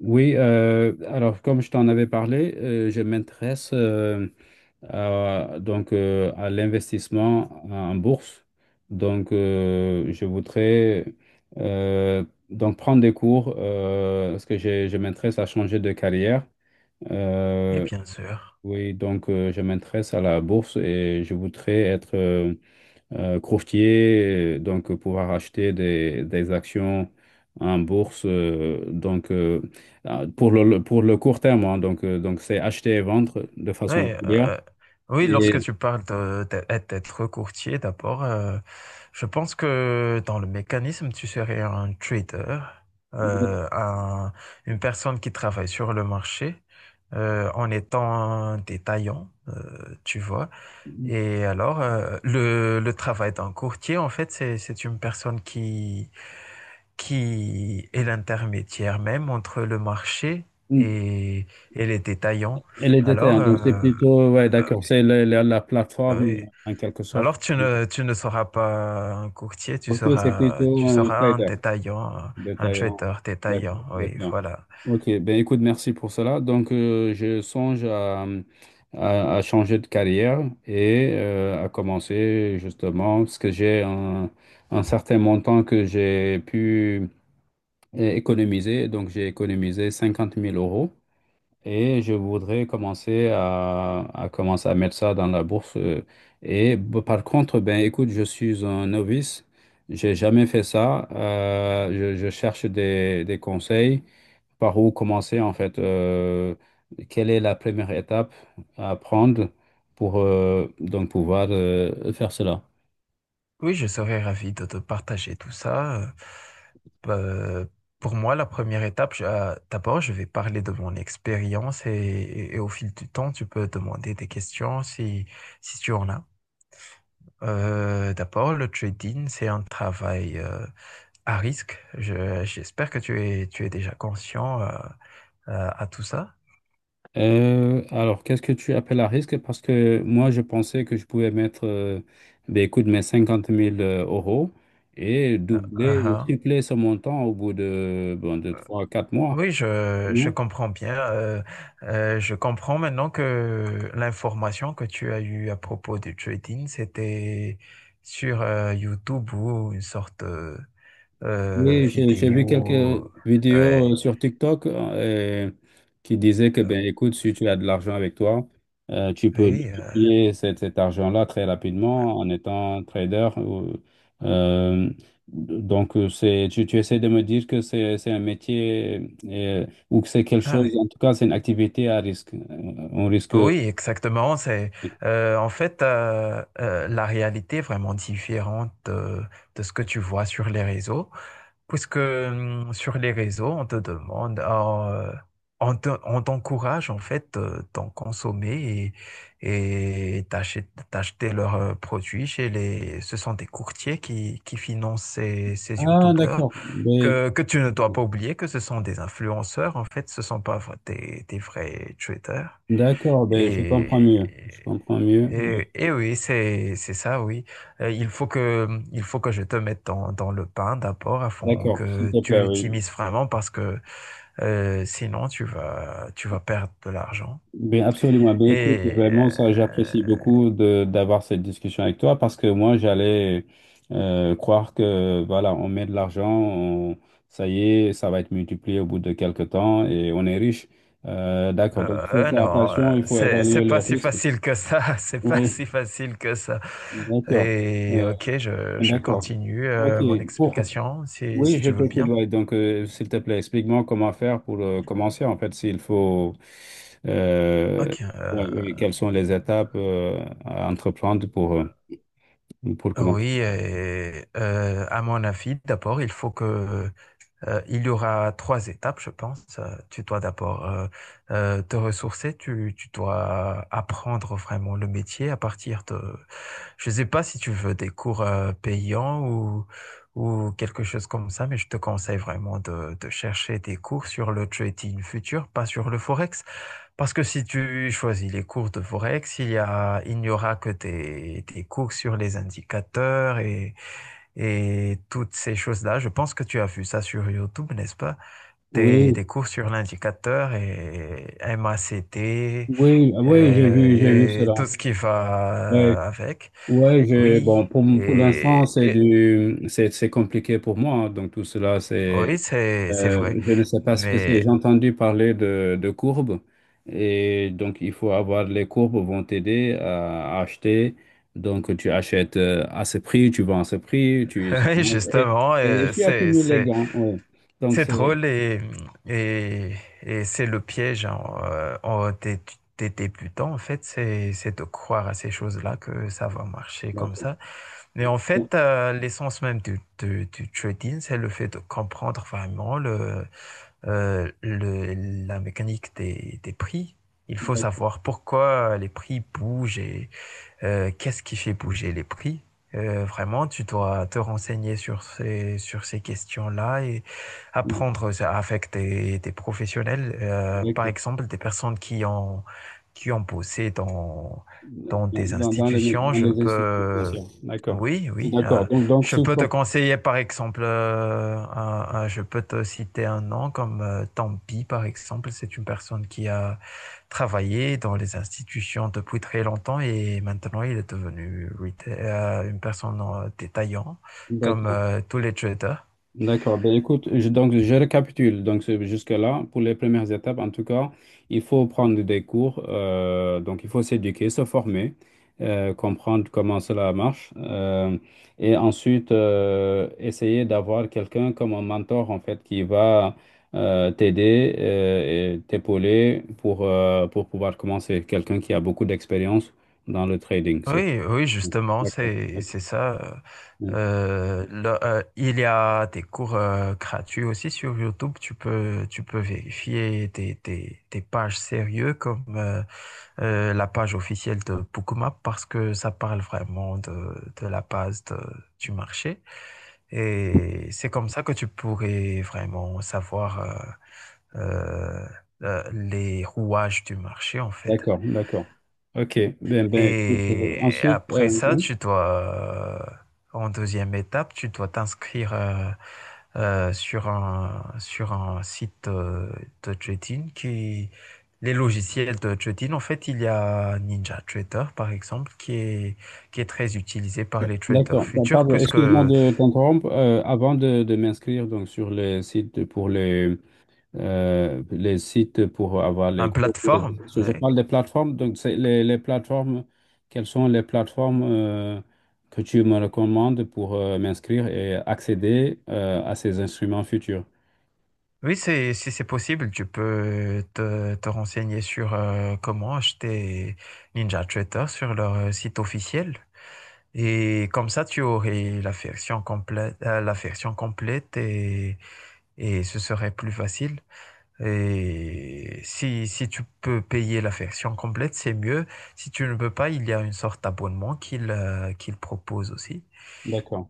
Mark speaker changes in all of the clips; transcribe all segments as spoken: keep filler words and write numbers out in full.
Speaker 1: Oui, euh, alors comme je t'en avais parlé, euh, je m'intéresse euh, à, donc euh, à l'investissement en bourse. Donc euh, je voudrais euh, donc prendre des cours euh, parce que j'ai- je m'intéresse à changer de carrière.
Speaker 2: Et
Speaker 1: Euh,
Speaker 2: bien sûr.
Speaker 1: oui, donc euh, je m'intéresse à la bourse et je voudrais être euh, euh, courtier, donc pouvoir acheter des, des actions en bourse, euh, donc euh, ah, pour le, le- pour le court terme, hein, donc euh, donc c'est acheter et vendre de
Speaker 2: Oui,
Speaker 1: façon régulière.
Speaker 2: euh, oui, lorsque
Speaker 1: Et,
Speaker 2: tu parles de- de- d'être courtier, d'abord, euh, je pense que dans le mécanisme, tu serais un trader, euh, un- une personne qui travaille sur le marché euh, en étant un détaillant, euh, tu vois. Et alors, euh, le, le travail d'un courtier, en fait, c'est, c'est une personne qui qui est l'intermédiaire même entre le marché et, et les détaillants.
Speaker 1: et les détails,
Speaker 2: Alors,
Speaker 1: hein, donc c'est
Speaker 2: euh,
Speaker 1: plutôt, ouais, d'accord, c'est la, la- la plateforme
Speaker 2: ouais.
Speaker 1: en quelque sorte.
Speaker 2: Alors tu ne, tu ne seras pas un courtier, tu
Speaker 1: Ok, c'est
Speaker 2: seras,
Speaker 1: plutôt
Speaker 2: tu
Speaker 1: un
Speaker 2: seras un
Speaker 1: trader,
Speaker 2: détaillant, un un
Speaker 1: détaillant,
Speaker 2: trader détaillant.
Speaker 1: d'accord,
Speaker 2: Oui,
Speaker 1: détaillant.
Speaker 2: voilà.
Speaker 1: Ok, ben écoute, merci pour cela. Donc, euh, je songe à, à- à changer de carrière et euh, à commencer justement, parce que j'ai un, un certain montant que j'ai pu euh, économiser. Donc, j'ai économisé cinquante mille euros. Et je voudrais commencer à, à commencer à mettre ça dans la bourse. Euh, Et b- par contre, ben écoute, je suis un novice. J'ai jamais fait ça. Euh, je, je cherche des, des conseils. Par où commencer en fait? euh, quelle est la première étape à prendre pour euh, donc pouvoir euh, faire cela?
Speaker 2: Oui, je serais ravi de te partager tout ça. Euh, pour moi, la première étape, je- euh, d'abord, je vais parler de mon expérience et, et au fil du temps, tu peux demander des questions si, si tu en as. Euh, d'abord, le trading, c'est un travail euh, à risque. Je- j'espère que tu es, tu es déjà conscient euh, euh, à tout ça.
Speaker 1: Euh, alors, qu'est-ce que tu appelles à risque? Parce que moi, je pensais que je pouvais mettre, euh, ben, écoute, mes cinquante mille euh, euros et doubler ou
Speaker 2: Uh-huh.
Speaker 1: tripler ce montant au bout de, bon, de trois quatre mois.
Speaker 2: Oui, je, je
Speaker 1: Non?
Speaker 2: comprends bien. Euh, euh, je comprends maintenant que l'information que tu as eue à propos du trading, c'était sur euh, YouTube ou une sorte de
Speaker 1: Oui, j'ai j'ai vu quelques
Speaker 2: vidéo.
Speaker 1: vidéos euh,
Speaker 2: Ouais.
Speaker 1: sur TikTok euh, qui disaient que,
Speaker 2: Euh,
Speaker 1: ben, écoute, si tu as de l'argent avec toi, euh, tu peux
Speaker 2: oui, euh,
Speaker 1: multiplier cet, cet argent-là très rapidement en étant trader. ou- euh, donc, euh, c'est, tu, tu essaies de me dire que c'est, c'est un métier euh, ou que c'est quelque
Speaker 2: ah
Speaker 1: chose,
Speaker 2: ouais.
Speaker 1: en tout cas, c'est une activité à risque. Euh, On risque,
Speaker 2: Oui, exactement. C'est
Speaker 1: oui.
Speaker 2: euh, en fait euh, euh, la réalité est vraiment différente de, de ce que tu vois sur les réseaux, puisque hum, sur les réseaux on te demande, euh, on te- on t'encourage en fait euh, d'en consommer et et d'acheter d'acheter leurs euh, produits chez les. Ce sont des courtiers qui qui financent ces ces
Speaker 1: Ah,
Speaker 2: youtubeurs
Speaker 1: d'accord. Ben,
Speaker 2: que, que tu ne dois pas oublier que ce sont des influenceurs, en fait, ce ne sont pas v- des, des vrais traders.
Speaker 1: d'accord, ben, je comprends mieux. Je
Speaker 2: Et,
Speaker 1: comprends mieux.
Speaker 2: et, et oui, c'est, c'est ça, oui. Euh, il faut que, il faut que je te mette dans, dans le pain d'abord afin
Speaker 1: D'accord, s'il
Speaker 2: que
Speaker 1: te plaît,
Speaker 2: tu t'y
Speaker 1: oui.
Speaker 2: mises vraiment parce que euh, sinon tu vas, tu vas perdre de l'argent.
Speaker 1: Bien, absolument. Ben, écoute,
Speaker 2: Et
Speaker 1: vraiment, ça, j'apprécie
Speaker 2: euh,
Speaker 1: beaucoup de d'avoir cette discussion avec toi parce que moi, j'allais euh, croire que, voilà, on met de l'argent, on- ça y est, ça va être multiplié au bout de quelques temps et on est riche. Euh, d'accord. Donc, il faut
Speaker 2: euh,
Speaker 1: faire
Speaker 2: non, euh,
Speaker 1: attention, il faut
Speaker 2: c'est, c'est
Speaker 1: évaluer les
Speaker 2: pas si
Speaker 1: risques.
Speaker 2: facile que ça. C'est pas si
Speaker 1: Oui,
Speaker 2: facile que ça.
Speaker 1: d'accord.
Speaker 2: Et
Speaker 1: Euh,
Speaker 2: ok, je, je
Speaker 1: d'accord.
Speaker 2: continue
Speaker 1: OK.
Speaker 2: euh, mon
Speaker 1: Pour
Speaker 2: explication si,
Speaker 1: oui,
Speaker 2: si
Speaker 1: je
Speaker 2: tu veux
Speaker 1: t'écoute.
Speaker 2: bien.
Speaker 1: Ouais. Donc, euh, s'il te plaît, explique-moi comment faire pour euh, commencer. En fait, s'il faut, euh,
Speaker 2: Ok.
Speaker 1: ouais,
Speaker 2: euh,
Speaker 1: ouais, quelles sont les étapes euh, à entreprendre pour, euh, pour
Speaker 2: Oui,
Speaker 1: commencer.
Speaker 2: et, euh, à mon avis, d'abord, il faut que euh, il y aura trois étapes, je pense. Euh, Tu dois d'abord euh, euh, te ressourcer, tu, tu dois apprendre vraiment le métier à partir de, je sais pas si tu veux des cours euh, payants ou ou quelque chose comme ça, mais je te conseille vraiment de, de chercher des cours sur le trading futur, pas sur le forex, parce que si tu choisis les cours de Forex, il y a, il n'y aura que tes, tes cours sur les indicateurs et, et toutes ces choses-là. Je pense que tu as vu ça sur YouTube, n'est-ce pas? Tes,
Speaker 1: Oui,
Speaker 2: tes cours sur l'indicateur et M A C D
Speaker 1: oui, ah oui, j'ai vu, j'ai vu
Speaker 2: euh, et
Speaker 1: cela.
Speaker 2: tout ce qui
Speaker 1: Ouais,
Speaker 2: va avec.
Speaker 1: ouais, je, bon,
Speaker 2: Oui,
Speaker 1: pour, pour l'instant,
Speaker 2: et,
Speaker 1: c'est
Speaker 2: et-
Speaker 1: du, c'est, c'est compliqué pour moi, hein. Donc, tout cela, c'est
Speaker 2: oui, c'est, c'est
Speaker 1: Euh,
Speaker 2: vrai.
Speaker 1: je ne sais pas ce que c'est.
Speaker 2: Mais
Speaker 1: J'ai entendu parler de, de courbes et donc il faut avoir les courbes vont t'aider à, à acheter. Donc tu achètes euh, à ce prix, tu vends à ce prix, tu ça
Speaker 2: oui,
Speaker 1: monte. et,
Speaker 2: justement, euh,
Speaker 1: et tu
Speaker 2: c'est,
Speaker 1: accumules les
Speaker 2: c'est
Speaker 1: gains. Oui. Donc
Speaker 2: c'est
Speaker 1: c'est
Speaker 2: drôle et, et, et c'est le piège en, euh, en des, des débutants, en fait, c'est, c'est de croire à ces choses-là que ça va marcher comme
Speaker 1: d'accord.
Speaker 2: ça. Mais en fait, euh, l'essence même du, du, du trading, c'est le fait de comprendre vraiment le, euh, le, la mécanique des, des prix. Il faut
Speaker 1: Donc,
Speaker 2: savoir pourquoi les prix bougent et, euh, qu'est-ce qui fait bouger les prix? Euh, vraiment, tu dois te renseigner sur ces, sur ces questions-là et apprendre ça avec des, des professionnels, euh, par
Speaker 1: d'accord.
Speaker 2: exemple des personnes qui ont, qui ont bossé dans, dans des
Speaker 1: Dans, dans les,
Speaker 2: institutions.
Speaker 1: dans
Speaker 2: Je
Speaker 1: les institutions
Speaker 2: peux,
Speaker 1: financières. D'accord.
Speaker 2: oui, oui,
Speaker 1: D'accord.
Speaker 2: euh,
Speaker 1: Donc donc
Speaker 2: je
Speaker 1: sur-
Speaker 2: peux te conseiller, par exemple, euh, un- un- je peux te citer un nom comme euh, Tampi, par exemple, c'est une personne qui a travaillé dans les institutions depuis très longtemps et maintenant il est devenu euh, une personne détaillante comme
Speaker 1: d'accord.
Speaker 2: euh, tous les traders.
Speaker 1: D'accord. Ben, écoute, je, donc je récapitule. Donc c'est- jusque-là, pour les premières étapes, en tout cas, il faut prendre des cours. Euh, donc il faut s'éduquer, se former, euh, comprendre comment cela marche, euh, et ensuite euh, essayer d'avoir quelqu'un comme un mentor en fait qui va euh, t'aider euh, et t'épauler pour euh, pour pouvoir commencer. Quelqu'un qui a beaucoup d'expérience dans le trading. C'est-
Speaker 2: Oui, oui, justement,
Speaker 1: D'accord.
Speaker 2: c'est c'est ça. Euh, là, euh, il y a des cours euh, gratuits aussi sur YouTube. Tu peux tu peux vérifier des, des, des pages sérieuses comme euh, euh, la page officielle de Bookmap parce que ça parle vraiment de, de la base de- du marché. Et c'est comme ça que tu pourrais vraiment savoir euh, euh, euh, les rouages du marché en fait.
Speaker 1: D'accord, d'accord. Ok. Ben, ben, écoute, euh,
Speaker 2: Et
Speaker 1: ensuite,
Speaker 2: après
Speaker 1: euh,
Speaker 2: ça,
Speaker 1: hein,
Speaker 2: tu dois, euh, en deuxième étape, tu dois t'inscrire euh, euh, sur un, sur un site euh, de trading qui, les logiciels de trading, en fait, il y a Ninja Trader, par exemple, qui est, qui est très utilisé par les traders
Speaker 1: d'accord. Ben,
Speaker 2: futurs,
Speaker 1: pardon,
Speaker 2: plus
Speaker 1: excuse-moi
Speaker 2: que
Speaker 1: de t'interrompre. Euh, avant de, de m'inscrire donc sur les sites pour les euh, les sites pour avoir les
Speaker 2: une
Speaker 1: cours, pour les-
Speaker 2: plateforme.
Speaker 1: parce que je
Speaker 2: Ouais.
Speaker 1: parle des plateformes. Donc, c'est les, les plateformes. Quelles sont les plateformes euh, que tu me recommandes pour euh, m'inscrire et accéder euh, à ces instruments futurs?
Speaker 2: Oui, c'est, si c'est possible, tu peux te, te renseigner sur euh, comment acheter Ninja Trader sur leur site officiel. Et comme ça, tu aurais la version complète, euh, la version complète et, et ce serait plus facile. Et si, si tu peux payer la version complète, c'est mieux. Si tu ne peux pas, il y a une sorte d'abonnement qu'il euh, qu'il propose aussi.
Speaker 1: D'accord.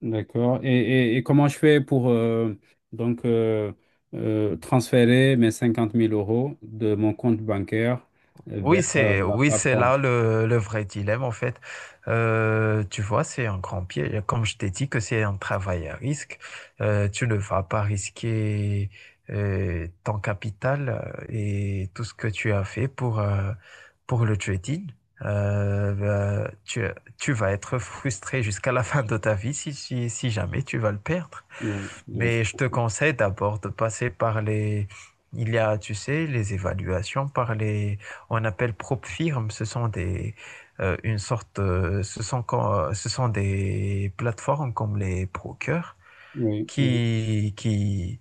Speaker 1: D'accord. Et, et, et comment je fais pour euh, donc euh, euh, transférer mes cinquante mille euros de mon compte bancaire euh,
Speaker 2: Oui,
Speaker 1: vers euh,
Speaker 2: c'est
Speaker 1: la
Speaker 2: oui, c'est
Speaker 1: plateforme?
Speaker 2: là le, le vrai dilemme en fait. Euh, tu vois, c'est un grand piège. Comme je t'ai dit que c'est un travail à risque, euh, tu ne vas pas risquer euh, ton capital euh, et tout ce que tu as fait pour euh, pour le trading. Euh, bah, tu tu vas être frustré jusqu'à la fin de ta vie si si si jamais tu vas le perdre.
Speaker 1: Oui, bien
Speaker 2: Mais je
Speaker 1: sûr.
Speaker 2: te conseille d'abord de passer par les... Il y a, tu sais, les évaluations par les... On appelle prop firmes. Ce sont des... euh, une sorte... euh, ce sont, quand- ce sont des plateformes comme les Procure
Speaker 1: Oui, oui.
Speaker 2: qui, qui,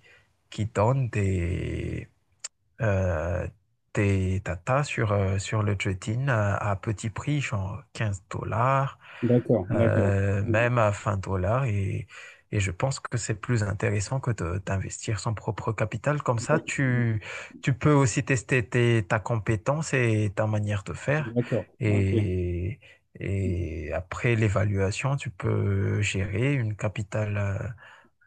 Speaker 2: qui donnent des... Euh, tes tatas sur, euh, sur le trading euh, à petit prix, genre quinze dollars,
Speaker 1: D'accord, d'accord.
Speaker 2: euh, même à vingt dollars. Et, et je pense que c'est plus intéressant que de- d'investir son propre capital. Comme ça,
Speaker 1: D'accord.
Speaker 2: tu, tu peux aussi tester tes, ta compétence et ta manière de faire.
Speaker 1: D'accord. Ok,
Speaker 2: Et, et après l'évaluation, tu peux gérer une capitale. euh,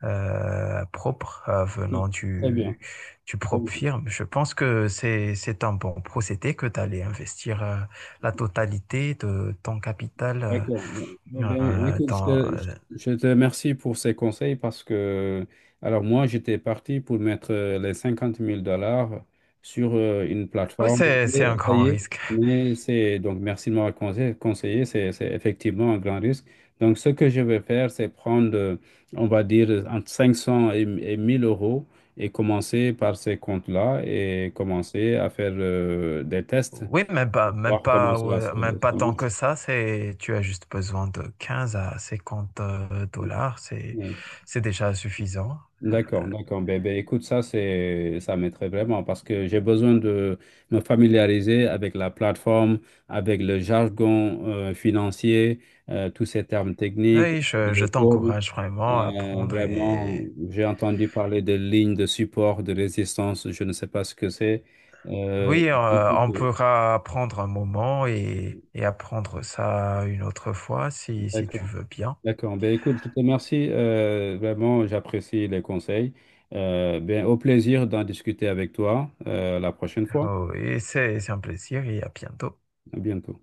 Speaker 2: euh, Propre euh,
Speaker 1: ok.
Speaker 2: venant
Speaker 1: Très bien.
Speaker 2: du, du propre firme. Je pense que c'est, c'est un bon procédé que d'aller investir euh, la totalité de ton capital
Speaker 1: D'accord.
Speaker 2: euh,
Speaker 1: Eh ben,
Speaker 2: euh,
Speaker 1: écoute, je
Speaker 2: dans...
Speaker 1: te, je te-
Speaker 2: euh,
Speaker 1: je te remercie pour ces conseils parce que, alors moi, j'étais parti pour mettre euh, les cinquante mille dollars sur euh, une
Speaker 2: Oui,
Speaker 1: plateforme.
Speaker 2: c'est, c'est
Speaker 1: Mais
Speaker 2: un
Speaker 1: ça
Speaker 2: grand
Speaker 1: y est,
Speaker 2: risque.
Speaker 1: mais c'est, donc merci de m'avoir conseillé, conseillé, c'est, c'est effectivement un grand risque. Donc, ce que je vais faire, c'est prendre, euh, on va dire, entre cinq cents et, et mille euros et commencer par ces comptes-là et commencer à faire euh, des tests,
Speaker 2: Oui, même pas, même
Speaker 1: voir comment
Speaker 2: pas,
Speaker 1: cela se-
Speaker 2: euh, même pas
Speaker 1: ça
Speaker 2: tant
Speaker 1: marche.
Speaker 2: que ça. C'est, tu as juste besoin de quinze à cinquante euh, dollars. C'est,
Speaker 1: Oui.
Speaker 2: c'est déjà suffisant.
Speaker 1: D'accord, d'accord. Ben, ben, écoute, ça, c'est, ça m'aiderait vraiment parce que j'ai besoin de me familiariser avec la plateforme, avec le jargon euh, financier, euh, tous ces termes techniques,
Speaker 2: Oui, je, je
Speaker 1: les courbes.
Speaker 2: t'encourage vraiment à
Speaker 1: Euh,
Speaker 2: prendre
Speaker 1: vraiment,
Speaker 2: et
Speaker 1: j'ai entendu parler de lignes de support, de résistance, je ne sais pas ce que c'est. Euh,
Speaker 2: Oui, euh,
Speaker 1: Écoute,
Speaker 2: on
Speaker 1: euh,
Speaker 2: pourra prendre un moment et, et apprendre ça une autre fois si, si tu
Speaker 1: d'accord,
Speaker 2: veux bien.
Speaker 1: d'accord. Ben, écoute, je te remercie. Euh, vraiment, j'apprécie les conseils. Euh, ben, au plaisir d'en discuter avec toi euh, la prochaine fois.
Speaker 2: Oh, et c'est c'est un plaisir et à bientôt.
Speaker 1: À bientôt.